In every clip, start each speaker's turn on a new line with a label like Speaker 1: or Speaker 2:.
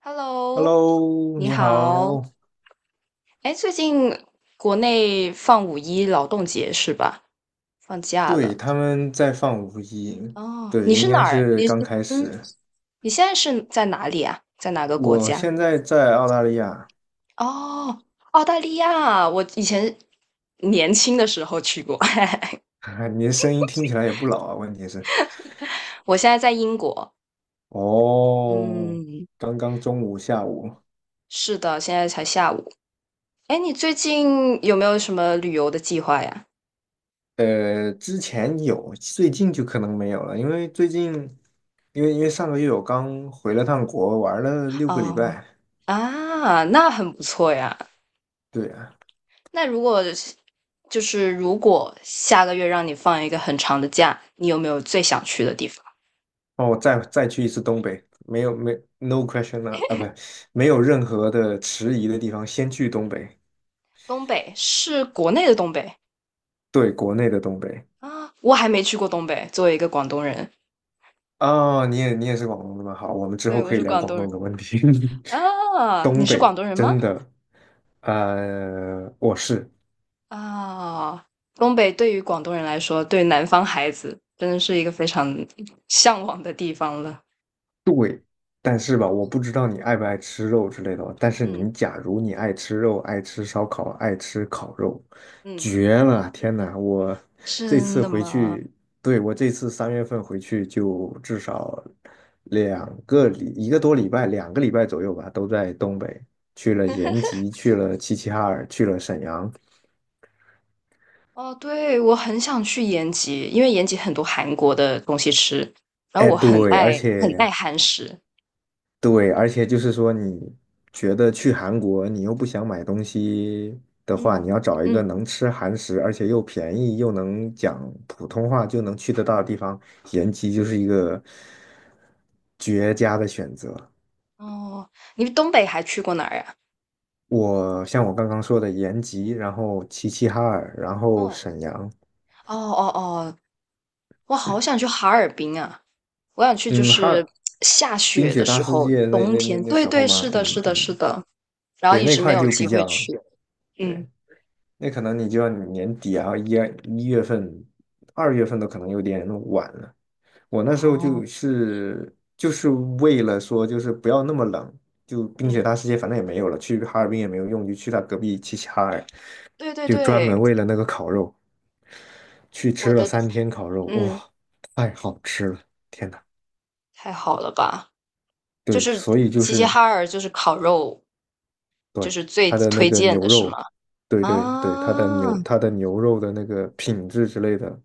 Speaker 1: Hello，
Speaker 2: Hello，
Speaker 1: 你
Speaker 2: 你
Speaker 1: 好。
Speaker 2: 好。
Speaker 1: 哎，最近国内放五一劳动节是吧？放假
Speaker 2: 对，
Speaker 1: 了。
Speaker 2: 他们在放五一，
Speaker 1: 哦，
Speaker 2: 对，
Speaker 1: 你
Speaker 2: 应
Speaker 1: 是哪
Speaker 2: 该
Speaker 1: 儿？
Speaker 2: 是刚开
Speaker 1: 嗯，
Speaker 2: 始。
Speaker 1: 你现在是在哪里啊？在哪个国
Speaker 2: 我
Speaker 1: 家？
Speaker 2: 现在在澳大利亚。
Speaker 1: 哦，澳大利亚。我以前年轻的时候去过，
Speaker 2: 你的声音听起来也不老啊。问题是，
Speaker 1: 我现在在英国。
Speaker 2: 哦，
Speaker 1: 嗯，
Speaker 2: 刚刚中午、下午。
Speaker 1: 是的，现在才下午。哎，你最近有没有什么旅游的计划呀？
Speaker 2: 之前有，最近就可能没有了，因为最近，因为上个月我刚回了趟国，玩了六个礼
Speaker 1: 哦，
Speaker 2: 拜。
Speaker 1: 啊，那很不错呀。
Speaker 2: 对啊。
Speaker 1: 那如果就是如果下个月让你放一个很长的假，你有没有最想去的地方？
Speaker 2: 哦，我再去一次东北，没有没 no question。 不，没有任何的迟疑的地方，先去东北。
Speaker 1: 东北是国内的东北。
Speaker 2: 对，国内的东北。
Speaker 1: 啊，我还没去过东北。作为一个广东人，
Speaker 2: 哦，你也是广东的吗？好，我们之
Speaker 1: 对，
Speaker 2: 后
Speaker 1: 我
Speaker 2: 可以
Speaker 1: 是
Speaker 2: 聊
Speaker 1: 广
Speaker 2: 广
Speaker 1: 东
Speaker 2: 东
Speaker 1: 人。
Speaker 2: 的问题。
Speaker 1: 啊，你是广 东人吗？
Speaker 2: 真的。我是。
Speaker 1: 啊，东北对于广东人来说，对南方孩子真的是一个非常向往的地方了。
Speaker 2: 但是吧，我不知道你爱不爱吃肉之类的，但是
Speaker 1: 嗯
Speaker 2: 你假如你爱吃肉，爱吃烧烤，爱吃烤肉，
Speaker 1: 嗯，
Speaker 2: 绝了！天呐，我这
Speaker 1: 真
Speaker 2: 次
Speaker 1: 的
Speaker 2: 回
Speaker 1: 吗？
Speaker 2: 去，对，我这次三月份回去就至少两个礼，一个多礼拜，两个礼拜左右吧，都在东北，去了延吉，去了齐齐哈尔，去了沈阳。
Speaker 1: 哦，对，我很想去延吉，因为延吉很多韩国的东西吃，然后
Speaker 2: 哎，
Speaker 1: 我很
Speaker 2: 对，而
Speaker 1: 爱很爱
Speaker 2: 且
Speaker 1: 韩食。
Speaker 2: 对，而且就是说，你觉得去韩国，你又不想买东西的话，
Speaker 1: 嗯，
Speaker 2: 你要找一个
Speaker 1: 嗯，
Speaker 2: 能吃韩食，而且又便宜，又能讲普通话，就能去得到的
Speaker 1: 嗯，
Speaker 2: 地方，延吉就是一个绝佳的选择。
Speaker 1: 哦，你东北还去过哪儿呀？
Speaker 2: 我像我刚刚说的延吉，然后齐齐哈尔，然后
Speaker 1: 哦，
Speaker 2: 沈阳。
Speaker 1: 哦哦哦，我好想去哈尔滨啊！我想去，就
Speaker 2: 嗯，
Speaker 1: 是下
Speaker 2: 冰
Speaker 1: 雪的
Speaker 2: 雪大
Speaker 1: 时
Speaker 2: 世
Speaker 1: 候，
Speaker 2: 界那
Speaker 1: 冬
Speaker 2: 那那
Speaker 1: 天。
Speaker 2: 那
Speaker 1: 对
Speaker 2: 时候
Speaker 1: 对，
Speaker 2: 嘛，
Speaker 1: 是的，
Speaker 2: 嗯
Speaker 1: 是的，是
Speaker 2: 嗯，
Speaker 1: 的。然后
Speaker 2: 对，
Speaker 1: 一
Speaker 2: 那
Speaker 1: 直没
Speaker 2: 块
Speaker 1: 有
Speaker 2: 就
Speaker 1: 机
Speaker 2: 比
Speaker 1: 会
Speaker 2: 较
Speaker 1: 去。嗯，
Speaker 2: 对。那可能你就要年底啊，一月份、二月份都可能有点晚了。我那时候
Speaker 1: 哦，
Speaker 2: 就是为了说，就是不要那么冷，就冰雪
Speaker 1: 嗯，
Speaker 2: 大世界反正也没有了，去哈尔滨也没有用，就去他隔壁齐齐哈尔，
Speaker 1: 对对
Speaker 2: 就专
Speaker 1: 对，
Speaker 2: 门为了那个烤肉去
Speaker 1: 我
Speaker 2: 吃了
Speaker 1: 的，
Speaker 2: 三天烤肉。
Speaker 1: 嗯，
Speaker 2: 哇，太好吃了，天呐。
Speaker 1: 太好了吧？就
Speaker 2: 对，
Speaker 1: 是
Speaker 2: 所以就
Speaker 1: 齐齐
Speaker 2: 是
Speaker 1: 哈尔，就是烤肉，就
Speaker 2: 对，
Speaker 1: 是最
Speaker 2: 它的那
Speaker 1: 推
Speaker 2: 个
Speaker 1: 荐
Speaker 2: 牛
Speaker 1: 的是
Speaker 2: 肉，
Speaker 1: 吗？
Speaker 2: 对对对，它的
Speaker 1: 啊，
Speaker 2: 牛它的牛肉的那个品质之类的，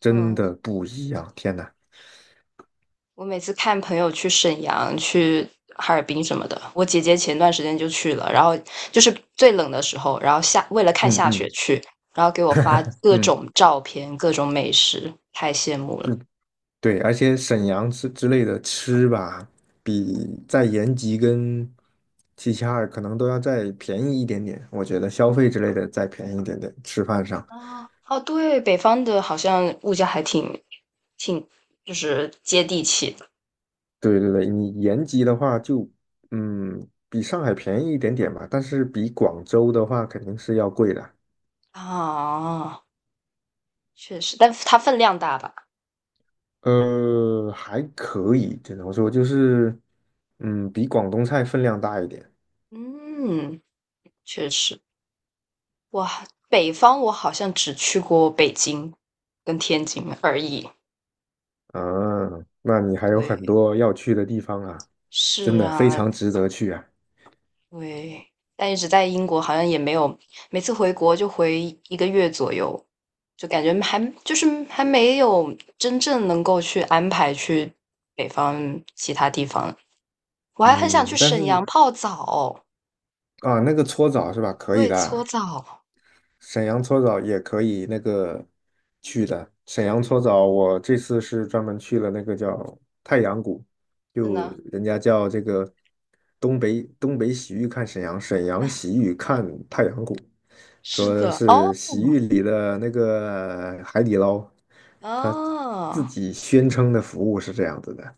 Speaker 2: 真
Speaker 1: 嗯。
Speaker 2: 的不一样，天呐。
Speaker 1: 我每次看朋友去沈阳、去哈尔滨什么的，我姐姐前段时间就去了，然后就是最冷的时候，然后下为了看
Speaker 2: 嗯
Speaker 1: 下雪
Speaker 2: 嗯。
Speaker 1: 去，然后给我发 各
Speaker 2: 嗯，
Speaker 1: 种照片、各种美食，太羡慕了。
Speaker 2: 对对，而且沈阳之类的吃吧，比在延吉跟齐齐哈尔可能都要再便宜一点点，我觉得消
Speaker 1: 嗯。
Speaker 2: 费之类的再便宜一点点，吃饭上。
Speaker 1: 啊，哦，对，北方的好像物价还挺就是接地气的。
Speaker 2: 对对对，你延吉的话就，嗯，比上海便宜一点点吧，但是比广州的话肯定是要贵的。
Speaker 1: 啊，确实，但它分量大吧？
Speaker 2: 还可以，只能说就是，嗯，比广东菜分量大一点
Speaker 1: 嗯，确实。哇，北方我好像只去过北京跟天津而已。
Speaker 2: 啊。那你还有
Speaker 1: 对，
Speaker 2: 很多要去的地方啊，真
Speaker 1: 是
Speaker 2: 的非
Speaker 1: 啊，
Speaker 2: 常值得去啊。
Speaker 1: 对，但一直在英国，好像也没有，每次回国就回一个月左右，就感觉还就是还没有真正能够去安排去北方其他地方。我还很想去
Speaker 2: 嗯，但
Speaker 1: 沈阳
Speaker 2: 是
Speaker 1: 泡澡，
Speaker 2: 啊，那个搓澡是吧？可以
Speaker 1: 对，
Speaker 2: 的
Speaker 1: 搓
Speaker 2: 啊，
Speaker 1: 澡，
Speaker 2: 沈阳搓澡也可以那个去的。沈阳搓澡，我这次是专门去了那个叫太阳谷，
Speaker 1: 真
Speaker 2: 就
Speaker 1: 的，
Speaker 2: 人家叫这个东北洗浴看沈阳，沈阳洗浴看太阳谷，
Speaker 1: 是
Speaker 2: 说
Speaker 1: 的，
Speaker 2: 是
Speaker 1: 哦，
Speaker 2: 洗浴里的那个海底捞，他自
Speaker 1: 啊，
Speaker 2: 己宣称的服务是这样子的。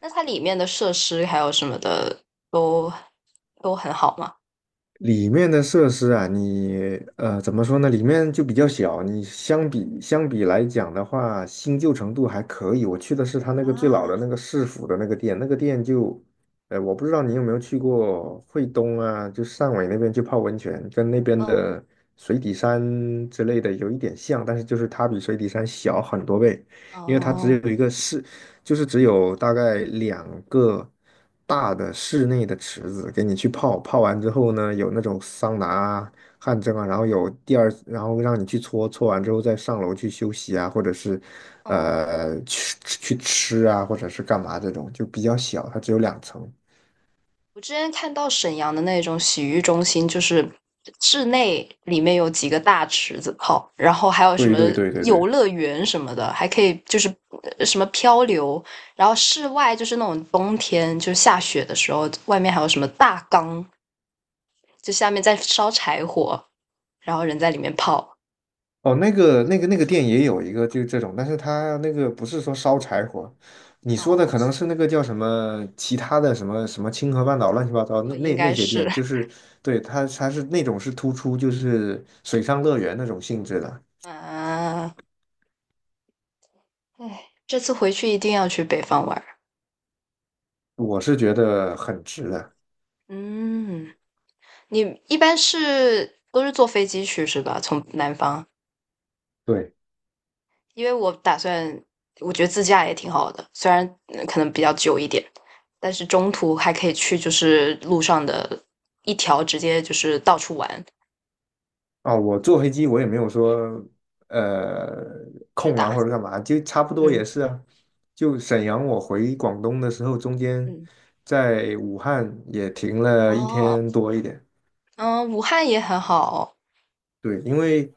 Speaker 1: 那它里面的设施还有什么的都都很好吗？
Speaker 2: 里面的设施啊，你怎么说呢？里面就比较小，你相比来讲的话，新旧程度还可以。我去的是他那个最老
Speaker 1: 啊，
Speaker 2: 的那个市府的那个店，那个店就，我不知道你有没有去过惠东啊，就汕尾那边去泡温泉，跟那边
Speaker 1: 哦，
Speaker 2: 的水底山之类的有一点像，但是就是它比水底山小很多倍，因为它
Speaker 1: 哦，
Speaker 2: 只有一个市，就是只有大概两个大的室内的池子给你去泡，泡完之后呢，有那种桑拿啊、汗蒸啊，然后有第二，然后让你去搓，搓完之后再上楼去休息啊，或者是
Speaker 1: 哦。
Speaker 2: 去吃啊，或者是干嘛这种，就比较小，它只有两层。
Speaker 1: 我之前看到沈阳的那种洗浴中心，就是室内里面有几个大池子泡，然后还有什
Speaker 2: 对
Speaker 1: 么
Speaker 2: 对对对
Speaker 1: 游
Speaker 2: 对。
Speaker 1: 乐园什么的，还可以就是什么漂流，然后室外就是那种冬天就下雪的时候，外面还有什么大缸，就下面在烧柴火，然后人在里面泡。
Speaker 2: 哦，那个店也有一个就这种，但是它那个不是说烧柴火，你说的
Speaker 1: 哦，
Speaker 2: 可能是那个叫什么其他的什么什么清河半岛乱七八糟那
Speaker 1: 应
Speaker 2: 那那
Speaker 1: 该
Speaker 2: 些
Speaker 1: 是，
Speaker 2: 店，就是对，它它是那种是突出就是水上乐园那种性质的，
Speaker 1: 嗯、啊，哎，这次回去一定要去北方玩儿。
Speaker 2: 我是觉得很值的。
Speaker 1: 嗯。你一般都是坐飞机去是吧？从南方，
Speaker 2: 对。
Speaker 1: 因为我打算，我觉得自驾也挺好的，虽然可能比较久一点，但是中途还可以去，就是路上的一条直接就是到处玩，
Speaker 2: 哦，我坐飞机我也没有说呃
Speaker 1: 直
Speaker 2: 空啊
Speaker 1: 达。
Speaker 2: 或者干嘛，就差不多
Speaker 1: 嗯
Speaker 2: 也是啊。就沈阳我回广东的时候，中间
Speaker 1: 嗯，
Speaker 2: 在武汉也停了一
Speaker 1: 哦，
Speaker 2: 天多一点。
Speaker 1: 嗯，武汉也很好。
Speaker 2: 对，因为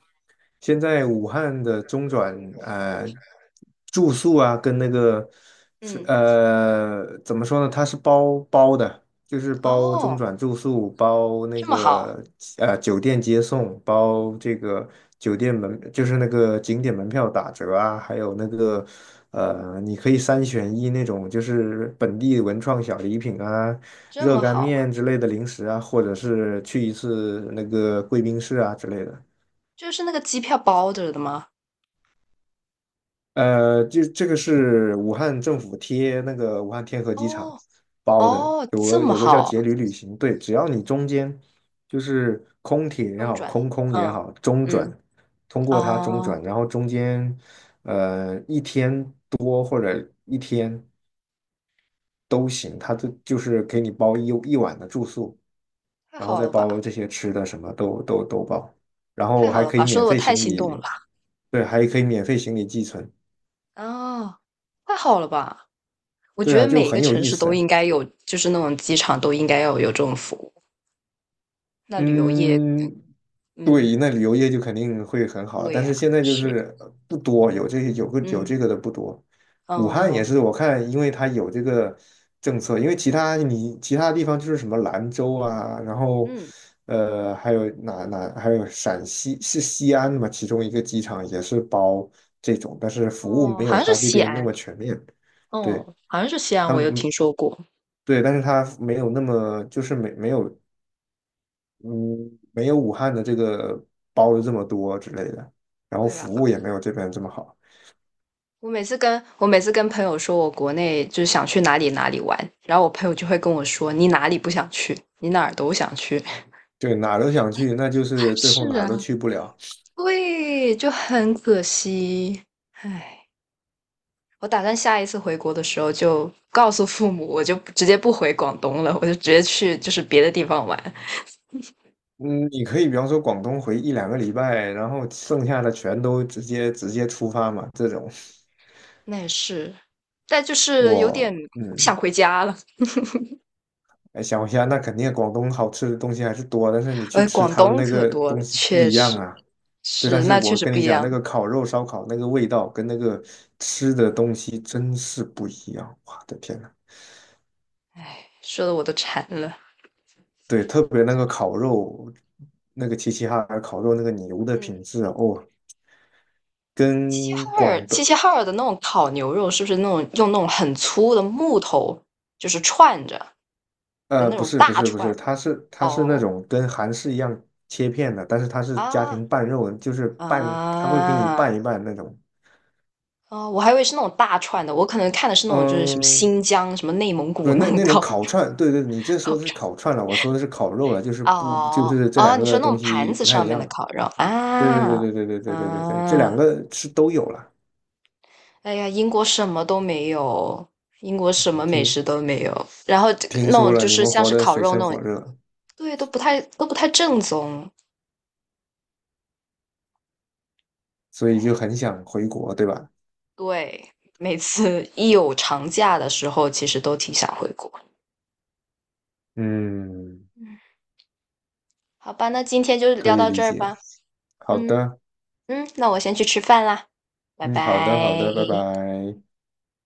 Speaker 2: 现在武汉的中转住宿啊，跟那个是
Speaker 1: 嗯，
Speaker 2: 怎么说呢，它是包包的，就是包中
Speaker 1: 哦，
Speaker 2: 转住宿，包那
Speaker 1: 这么好，
Speaker 2: 个酒店接送，包这个酒店门，就是那个景点门票打折啊，还有那个你可以三选一那种，就是本地文创小礼品啊。
Speaker 1: 这
Speaker 2: 热
Speaker 1: 么
Speaker 2: 干
Speaker 1: 好，
Speaker 2: 面之类的零食啊，或者是去一次那个贵宾室啊之类的。
Speaker 1: 就是那个机票包着的吗？
Speaker 2: 就这个是武汉政府贴那个武汉天河机场
Speaker 1: 哦
Speaker 2: 包的，
Speaker 1: 哦，
Speaker 2: 有
Speaker 1: 这
Speaker 2: 个
Speaker 1: 么
Speaker 2: 有个叫
Speaker 1: 好，
Speaker 2: 节旅旅行。对，只要你中间就是空铁也
Speaker 1: 中
Speaker 2: 好，
Speaker 1: 转。
Speaker 2: 空空也
Speaker 1: 嗯
Speaker 2: 好，中转
Speaker 1: 嗯，
Speaker 2: 通过它中
Speaker 1: 哦，
Speaker 2: 转，然后中间一天多或者一天都行，它就是给你包一晚的住宿，
Speaker 1: 太
Speaker 2: 然后
Speaker 1: 好
Speaker 2: 再
Speaker 1: 了吧？
Speaker 2: 包这些吃的，什么都包，然后
Speaker 1: 太好
Speaker 2: 还
Speaker 1: 了
Speaker 2: 可以
Speaker 1: 吧，说
Speaker 2: 免
Speaker 1: 的我
Speaker 2: 费
Speaker 1: 太
Speaker 2: 行
Speaker 1: 心动了。
Speaker 2: 李，对，还可以免费行李寄存。
Speaker 1: 啊！太好了吧！我
Speaker 2: 对
Speaker 1: 觉得
Speaker 2: 啊，就
Speaker 1: 每一
Speaker 2: 很
Speaker 1: 个
Speaker 2: 有
Speaker 1: 城
Speaker 2: 意
Speaker 1: 市都
Speaker 2: 思。
Speaker 1: 应该有，就是那种机场都应该要有这种服务。那旅游业，
Speaker 2: 嗯，
Speaker 1: 嗯，
Speaker 2: 对，那旅游业就肯定会很好，
Speaker 1: 对
Speaker 2: 但
Speaker 1: 呀，
Speaker 2: 是现在就
Speaker 1: 是，
Speaker 2: 是不多，有
Speaker 1: 嗯，
Speaker 2: 这个的不多。武汉也
Speaker 1: 哦，
Speaker 2: 是，我看因为它有这个政策，因为其他地方就是什么兰州啊，然后
Speaker 1: 嗯，
Speaker 2: 还有还有陕西是西安嘛，其中一个机场也是包这种，但是服务
Speaker 1: 哦，
Speaker 2: 没
Speaker 1: 好
Speaker 2: 有
Speaker 1: 像是
Speaker 2: 它这
Speaker 1: 西
Speaker 2: 边那
Speaker 1: 安，
Speaker 2: 么全面。对。
Speaker 1: 哦，好像是西安，
Speaker 2: 他
Speaker 1: 我
Speaker 2: 们，
Speaker 1: 有听
Speaker 2: 嗯，
Speaker 1: 说过。
Speaker 2: 对，但是他没有那么，就是没没有，嗯，没有武汉的这个包的这么多之类的，然后
Speaker 1: 对啊，
Speaker 2: 服务也没有这边这么好。
Speaker 1: 我每次跟朋友说我国内就是想去哪里哪里玩，然后我朋友就会跟我说你哪里不想去，你哪儿都想去。
Speaker 2: 对，哪儿都想去，那就 是最后哪
Speaker 1: 是
Speaker 2: 儿都
Speaker 1: 啊，
Speaker 2: 去不了。
Speaker 1: 对，就很可惜，唉。我打算下一次回国的时候就告诉父母，我就直接不回广东了，我就直接去就是别的地方玩。
Speaker 2: 嗯，你可以比方说广东回一两个礼拜，然后剩下的全都直接出发嘛，这种
Speaker 1: 那也是，但就是有点
Speaker 2: 我
Speaker 1: 想
Speaker 2: 嗯，
Speaker 1: 回家了。
Speaker 2: 哎想一下，那肯定广东好吃的东西还是多，但是你去
Speaker 1: 呃，
Speaker 2: 吃
Speaker 1: 广
Speaker 2: 他们
Speaker 1: 东
Speaker 2: 那
Speaker 1: 可
Speaker 2: 个
Speaker 1: 多了，
Speaker 2: 东西不
Speaker 1: 确
Speaker 2: 一样
Speaker 1: 实
Speaker 2: 啊。对，但
Speaker 1: 是，
Speaker 2: 是
Speaker 1: 那确
Speaker 2: 我
Speaker 1: 实
Speaker 2: 跟
Speaker 1: 不
Speaker 2: 你
Speaker 1: 一
Speaker 2: 讲，那
Speaker 1: 样。
Speaker 2: 个烤肉烧烤那个味道跟那个吃的东西真是不一样，我的天！
Speaker 1: 说的我都馋了。
Speaker 2: 对，特别那个烤肉，那个齐齐哈尔烤肉那个牛的
Speaker 1: 嗯，
Speaker 2: 品质啊，哦，跟广东，
Speaker 1: 齐齐哈尔的那种烤牛肉，是不是那种用那种很粗的木头，就是串着的那
Speaker 2: 不
Speaker 1: 种
Speaker 2: 是不
Speaker 1: 大
Speaker 2: 是不是，
Speaker 1: 串？
Speaker 2: 它是那
Speaker 1: 哦，
Speaker 2: 种跟韩式一样切片的，但是它是家
Speaker 1: 啊
Speaker 2: 庭拌肉，就是拌，它会给你
Speaker 1: 啊！
Speaker 2: 拌一拌那种。
Speaker 1: 哦，我还以为是那种大串的，我可能看的是那种就是什么
Speaker 2: 嗯，
Speaker 1: 新疆、什么内蒙
Speaker 2: 不
Speaker 1: 古
Speaker 2: 是
Speaker 1: 那
Speaker 2: 那
Speaker 1: 种
Speaker 2: 那种
Speaker 1: 烤
Speaker 2: 烤串，对对，你这
Speaker 1: 烤
Speaker 2: 说的
Speaker 1: 串。
Speaker 2: 是烤串了，我说的是烤肉了，就是不就
Speaker 1: 哦
Speaker 2: 是这两
Speaker 1: 哦，你
Speaker 2: 个
Speaker 1: 说那
Speaker 2: 东
Speaker 1: 种盘
Speaker 2: 西
Speaker 1: 子
Speaker 2: 不太
Speaker 1: 上
Speaker 2: 一
Speaker 1: 面
Speaker 2: 样
Speaker 1: 的
Speaker 2: 了。
Speaker 1: 烤肉
Speaker 2: 对对
Speaker 1: 啊。
Speaker 2: 对对对对对对对对，这
Speaker 1: 啊！
Speaker 2: 两个是都有了。
Speaker 1: 哎呀，英国什么都没有，英国什么美
Speaker 2: 听，
Speaker 1: 食都没有，然后这个
Speaker 2: 听
Speaker 1: 那
Speaker 2: 说
Speaker 1: 种
Speaker 2: 了，
Speaker 1: 就
Speaker 2: 你
Speaker 1: 是
Speaker 2: 们
Speaker 1: 像
Speaker 2: 活
Speaker 1: 是
Speaker 2: 得
Speaker 1: 烤
Speaker 2: 水
Speaker 1: 肉
Speaker 2: 深
Speaker 1: 那种，
Speaker 2: 火热。
Speaker 1: 对，都不太正宗。
Speaker 2: 所以就
Speaker 1: 哎，
Speaker 2: 很想回国，对吧？
Speaker 1: 对，每次一有长假的时候，其实都挺想回国。
Speaker 2: 嗯，
Speaker 1: 嗯，好吧，那今天就
Speaker 2: 可
Speaker 1: 聊
Speaker 2: 以
Speaker 1: 到
Speaker 2: 理
Speaker 1: 这儿
Speaker 2: 解。
Speaker 1: 吧。
Speaker 2: 好
Speaker 1: 嗯。
Speaker 2: 的。
Speaker 1: 嗯，那我先去吃饭啦，拜
Speaker 2: 嗯，好的，好
Speaker 1: 拜。
Speaker 2: 的，拜拜。